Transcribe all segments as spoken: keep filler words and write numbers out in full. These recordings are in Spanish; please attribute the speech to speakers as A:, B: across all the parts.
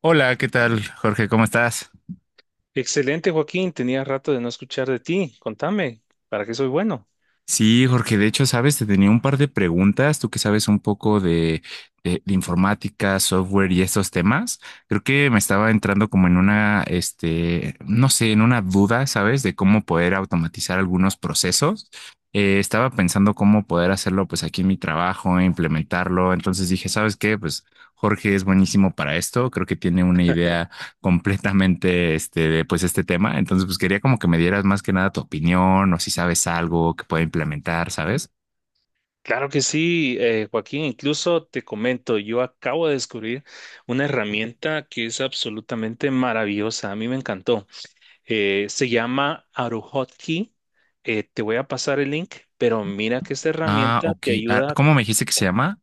A: Hola, ¿qué tal, Jorge? ¿Cómo estás?
B: Excelente, Joaquín. Tenía rato de no escuchar de ti. Contame, ¿para qué soy bueno?
A: Sí, Jorge, de hecho, sabes, te tenía un par de preguntas, tú que sabes un poco de, de- de informática, software y esos temas. Creo que me estaba entrando como en una, este, no sé, en una duda, ¿sabes? De cómo poder automatizar algunos procesos. Eh, estaba pensando cómo poder hacerlo, pues, aquí en mi trabajo, implementarlo. Entonces dije, ¿sabes qué? Pues Jorge es buenísimo para esto. Creo que tiene una idea completamente este, pues este tema. Entonces, pues quería como que me dieras más que nada tu opinión o si sabes algo que pueda implementar, ¿sabes?
B: Claro que sí, eh, Joaquín. Incluso te comento, yo acabo de descubrir una herramienta que es absolutamente maravillosa. A mí me encantó. Eh, se llama Aruhotkey. Eh, te voy a pasar el link, pero mira que esta
A: Ah,
B: herramienta
A: ok.
B: te
A: Ah,
B: ayuda
A: ¿cómo me dijiste que se
B: con
A: llama?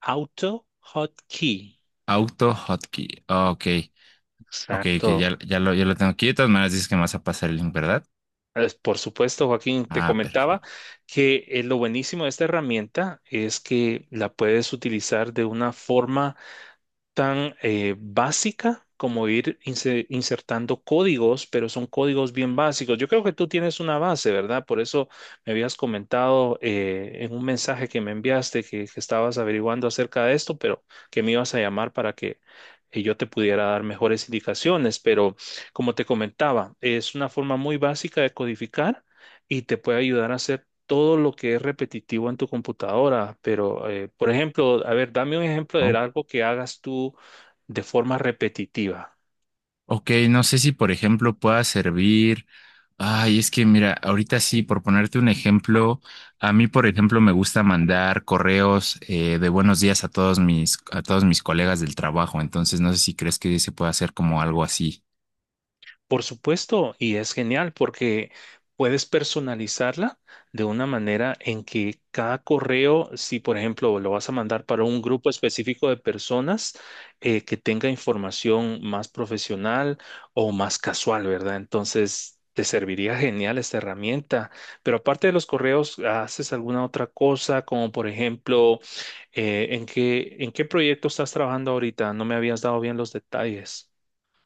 B: AutoHotkey.
A: Auto Hotkey. Ah, ok. Ok, que
B: Exacto.
A: ya, ya lo, ya lo tengo aquí. De todas maneras, dices que me vas a pasar el link, ¿verdad?
B: Pues, por supuesto, Joaquín, te
A: Ah,
B: comentaba
A: perfecto.
B: que eh, lo buenísimo de esta herramienta es que la puedes utilizar de una forma tan eh, básica como ir inse- insertando códigos, pero son códigos bien básicos. Yo creo que tú tienes una base, ¿verdad? Por eso me habías comentado eh, en un mensaje que me enviaste que, que estabas averiguando acerca de esto, pero que me ibas a llamar para que eh, yo te pudiera dar mejores indicaciones. Pero como te comentaba, es una forma muy básica de codificar. Y te puede ayudar a hacer todo lo que es repetitivo en tu computadora, pero, eh, por ejemplo, a ver, dame un ejemplo de algo que hagas tú de forma repetitiva.
A: Ok, no sé si por ejemplo pueda servir. Ay, es que mira, ahorita sí, por ponerte un ejemplo, a mí por ejemplo me gusta mandar correos eh, de buenos días a todos mis a todos mis colegas del trabajo, entonces no sé si crees que se pueda hacer como algo así.
B: Por supuesto, y es genial porque puedes personalizarla de una manera en que cada correo, si por ejemplo lo vas a mandar para un grupo específico de personas eh, que tenga información más profesional o más casual, ¿verdad? Entonces te serviría genial esta herramienta, pero aparte de los correos, ¿haces alguna otra cosa? Como por ejemplo, eh, ¿en qué, en qué proyecto estás trabajando ahorita? No me habías dado bien los detalles.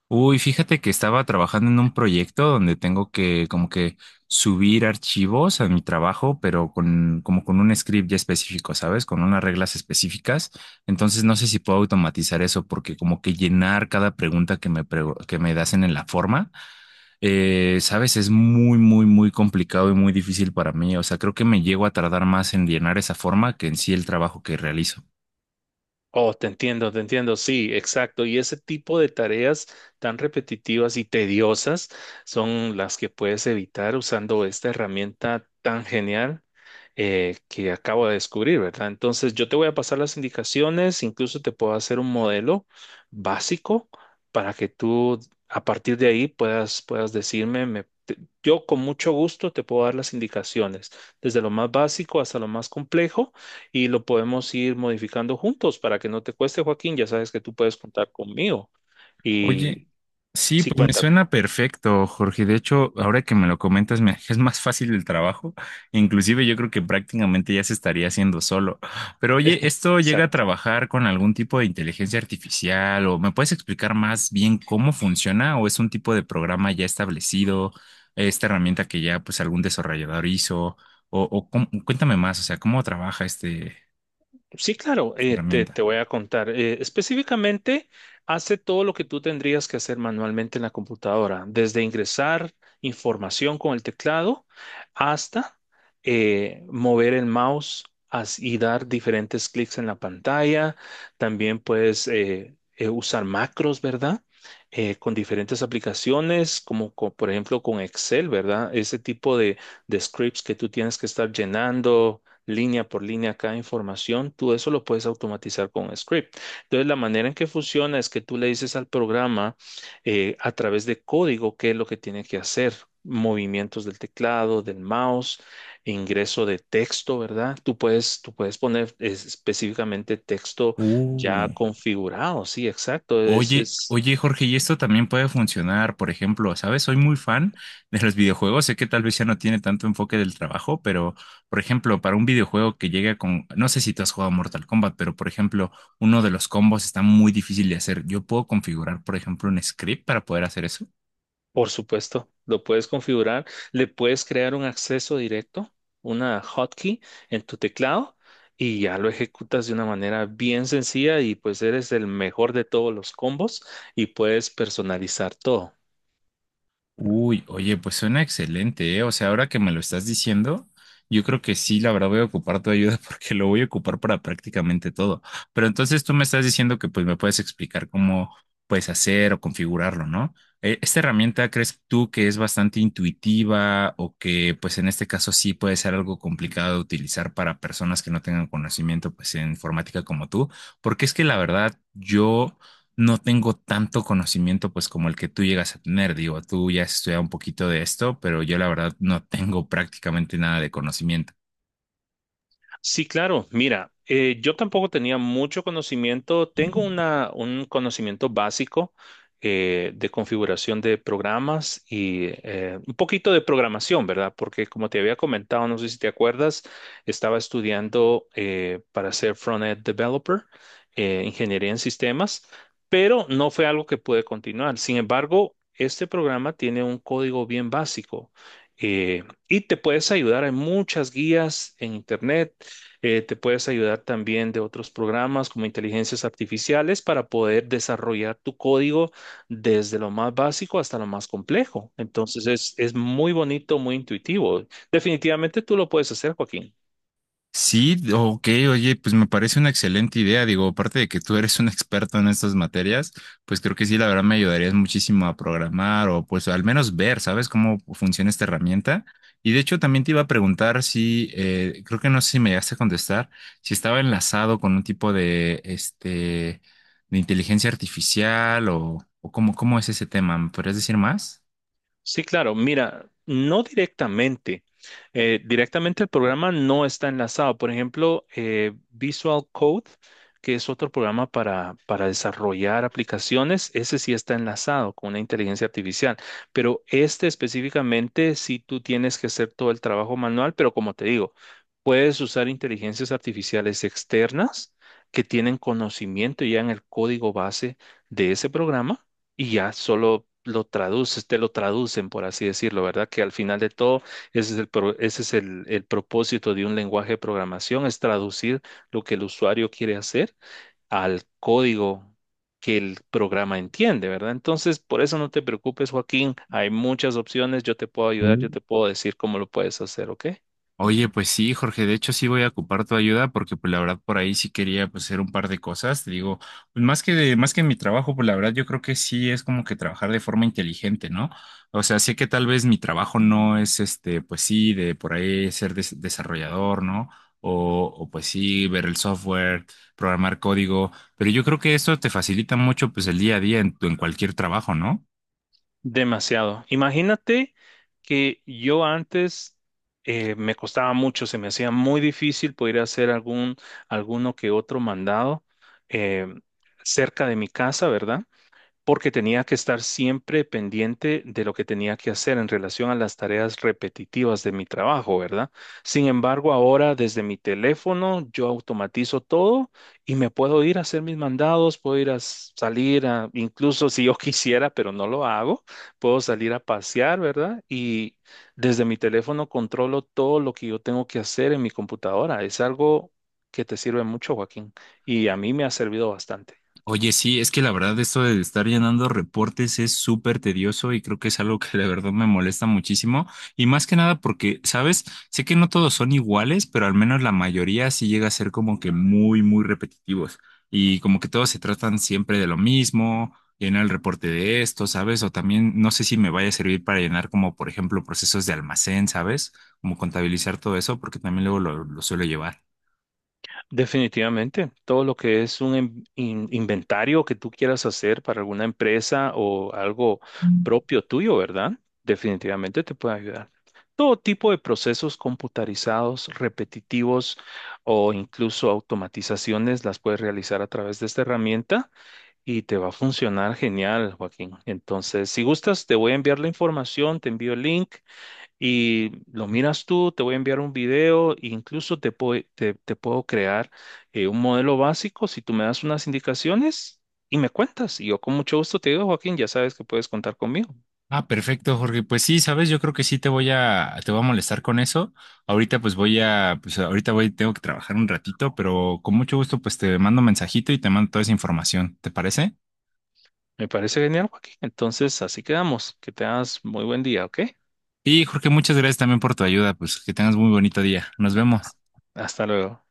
A: Uy, fíjate que estaba trabajando en un proyecto donde tengo que como que subir archivos a mi trabajo, pero con como con un script ya específico, ¿sabes? Con unas reglas específicas. Entonces no sé si puedo automatizar eso porque como que llenar cada pregunta que me pregu- que me hacen en la forma, eh, ¿sabes? Es muy, muy, muy complicado y muy difícil para mí. O sea, creo que me llego a tardar más en llenar esa forma que en sí el trabajo que realizo.
B: Oh, te entiendo, te entiendo, sí, exacto. Y ese tipo de tareas tan repetitivas y tediosas son las que puedes evitar usando esta herramienta tan genial eh, que acabo de descubrir, ¿verdad? Entonces, yo te voy a pasar las indicaciones, incluso te puedo hacer un modelo básico para que tú a partir de ahí puedas, puedas decirme, me- te- yo con mucho gusto te puedo dar las indicaciones, desde lo más básico hasta lo más complejo y lo podemos ir modificando juntos para que no te cueste, Joaquín. Ya sabes que tú puedes contar conmigo.
A: Oye,
B: Y
A: sí,
B: sí,
A: pues me
B: cuéntame.
A: suena perfecto, Jorge. De hecho, ahora que me lo comentas, me es más fácil el trabajo. Inclusive yo creo que prácticamente ya se estaría haciendo solo. Pero oye, ¿esto llega a
B: Exacto.
A: trabajar con algún tipo de inteligencia artificial? ¿O me puedes explicar más bien cómo funciona? ¿O es un tipo de programa ya establecido? ¿Esta herramienta que ya pues algún desarrollador hizo? O, o cómo- cuéntame más, o sea, ¿cómo trabaja este,
B: Sí, claro,
A: esta
B: eh, te, te
A: herramienta?
B: voy a contar. Eh, específicamente, hace todo lo que tú tendrías que hacer manualmente en la computadora, desde ingresar información con el teclado hasta eh, mover el mouse as- y dar diferentes clics en la pantalla. También puedes eh, eh, usar macros, ¿verdad? Eh, con diferentes aplicaciones, como co- por ejemplo con Excel, ¿verdad? Ese tipo de, de scripts que tú tienes que estar llenando línea por línea cada información, tú eso lo puedes automatizar con un script. Entonces, la manera en que funciona es que tú le dices al programa eh, a través de código qué es lo que tiene que hacer. Movimientos del teclado, del mouse, ingreso de texto, ¿verdad? Tú puedes, tú puedes poner es- específicamente texto ya
A: Uh.
B: configurado, sí, exacto, es,
A: Oye,
B: es
A: oye, Jorge, y esto también puede funcionar, por ejemplo, ¿sabes? Soy muy fan de los videojuegos, sé que tal vez ya no tiene tanto enfoque del trabajo, pero, por ejemplo, para un videojuego que llega con, no sé si tú has jugado Mortal Kombat, pero, por ejemplo, uno de los combos está muy difícil de hacer. Yo puedo configurar, por ejemplo, un script para poder hacer eso.
B: por supuesto, lo puedes configurar, le puedes crear un acceso directo, una hotkey en tu teclado y ya lo ejecutas de una manera bien sencilla y pues eres el mejor de todos los combos y puedes personalizar todo.
A: Uy, oye, pues suena excelente, ¿eh? O sea, ahora que me lo estás diciendo, yo creo que sí, la verdad voy a ocupar tu ayuda porque lo voy a ocupar para prácticamente todo. Pero entonces tú me estás diciendo que pues me puedes explicar cómo puedes hacer o configurarlo, ¿no? Eh, ¿Esta herramienta crees tú que es bastante intuitiva o que pues en este caso sí puede ser algo complicado de utilizar para personas que no tengan conocimiento pues en informática como tú? Porque es que la verdad yo no tengo tanto conocimiento pues como el que tú llegas a tener. Digo, tú ya has estudiado un poquito de esto, pero yo la verdad no tengo prácticamente nada de conocimiento.
B: Sí, claro. Mira, eh, yo tampoco tenía mucho conocimiento. Tengo una, un conocimiento básico eh, de configuración de programas y eh, un poquito de programación, ¿verdad? Porque como te había comentado, no sé si te acuerdas, estaba estudiando eh, para ser front-end developer, eh, ingeniería en sistemas, pero no fue algo que pude continuar. Sin embargo, este programa tiene un código bien básico. Eh, y te puedes ayudar en muchas guías en internet, eh, te puedes ayudar también de otros programas como inteligencias artificiales para poder desarrollar tu código desde lo más básico hasta lo más complejo. Entonces es, es muy bonito, muy intuitivo. Definitivamente tú lo puedes hacer, Joaquín.
A: Sí, ok, oye, pues me parece una excelente idea. Digo, aparte de que tú eres un experto en estas materias, pues creo que sí, la verdad me ayudarías muchísimo a programar o pues al menos ver, ¿sabes cómo funciona esta herramienta? Y de hecho también te iba a preguntar si, eh, creo que no sé si me llegaste a contestar, si estaba enlazado con un tipo de, este, de inteligencia artificial o, o cómo, cómo es ese tema. ¿Me podrías decir más?
B: Sí, claro. Mira, no directamente. Eh, directamente el programa no está enlazado. Por ejemplo, eh, Visual Code, que es otro programa para, para desarrollar aplicaciones, ese sí está enlazado con una inteligencia artificial. Pero este específicamente, sí tú tienes que hacer todo el trabajo manual, pero como te digo, puedes usar inteligencias artificiales externas que tienen conocimiento ya en el código base de ese programa y ya solo lo traduces, te lo traducen, por así decirlo, ¿verdad? Que al final de todo, ese es el, pro- ese es el, el propósito de un lenguaje de programación, es traducir lo que el usuario quiere hacer al código que el programa entiende, ¿verdad? Entonces, por eso no te preocupes, Joaquín, hay muchas opciones, yo te puedo ayudar, yo te puedo decir cómo lo puedes hacer, ¿ok?
A: Oye, pues sí, Jorge, de hecho sí voy a ocupar tu ayuda porque pues la verdad por ahí sí quería pues hacer un par de cosas, te digo, pues más que de, más que mi trabajo, pues la verdad yo creo que sí es como que trabajar de forma inteligente, ¿no? O sea, sé que tal vez mi trabajo no es este, pues sí, de por ahí ser des- desarrollador, ¿no? O, o pues sí, ver el software, programar código, pero yo creo que esto te facilita mucho pues el día a día en, tu- en cualquier trabajo, ¿no?
B: Demasiado. Imagínate que yo antes eh, me costaba mucho, se me hacía muy difícil poder hacer algún, alguno que otro mandado eh, cerca de mi casa, ¿verdad? Porque tenía que estar siempre pendiente de lo que tenía que hacer en relación a las tareas repetitivas de mi trabajo, ¿verdad? Sin embargo, ahora desde mi teléfono yo automatizo todo y me puedo ir a hacer mis mandados, puedo ir a s- salir a, incluso si yo quisiera, pero no lo hago, puedo salir a pasear, ¿verdad? Y desde mi teléfono controlo todo lo que yo tengo que hacer en mi computadora. Es algo que te sirve mucho, Joaquín, y a mí me ha servido bastante.
A: Oye, sí, es que la verdad esto de estar llenando reportes es súper tedioso y creo que es algo que la verdad me molesta muchísimo. Y más que nada porque, ¿sabes? Sé que no todos son iguales, pero al menos la mayoría sí llega a ser como que muy, muy repetitivos. Y como que todos se tratan siempre de lo mismo, llenar el reporte de esto, ¿sabes? O también no sé si me vaya a servir para llenar como, por ejemplo, procesos de almacén, ¿sabes? Como contabilizar todo eso, porque también luego lo, lo suelo llevar.
B: Definitivamente, todo lo que es un in- in- inventario que tú quieras hacer para alguna empresa o algo propio tuyo, ¿verdad? Definitivamente te puede ayudar. Todo tipo de procesos computarizados, repetitivos o incluso automatizaciones las puedes realizar a través de esta herramienta y te va a funcionar genial, Joaquín. Entonces, si gustas, te voy a enviar la información, te envío el link y lo miras tú, te voy a enviar un video, e incluso te, pue- te, te puedo crear eh, un modelo básico si tú me das unas indicaciones y me cuentas. Y yo con mucho gusto te digo, Joaquín, ya sabes que puedes contar conmigo.
A: Ah, perfecto, Jorge. Pues sí, sabes, yo creo que sí te voy a, te voy a molestar con eso. Ahorita pues voy a, pues ahorita voy, tengo que trabajar un ratito, pero con mucho gusto pues te mando un mensajito y te mando toda esa información, ¿te parece?
B: Me parece genial, Joaquín. Entonces, así quedamos. Que tengas muy buen día, ¿ok?
A: Y Jorge, muchas gracias también por tu ayuda, pues que tengas muy bonito día. Nos vemos.
B: Hasta luego.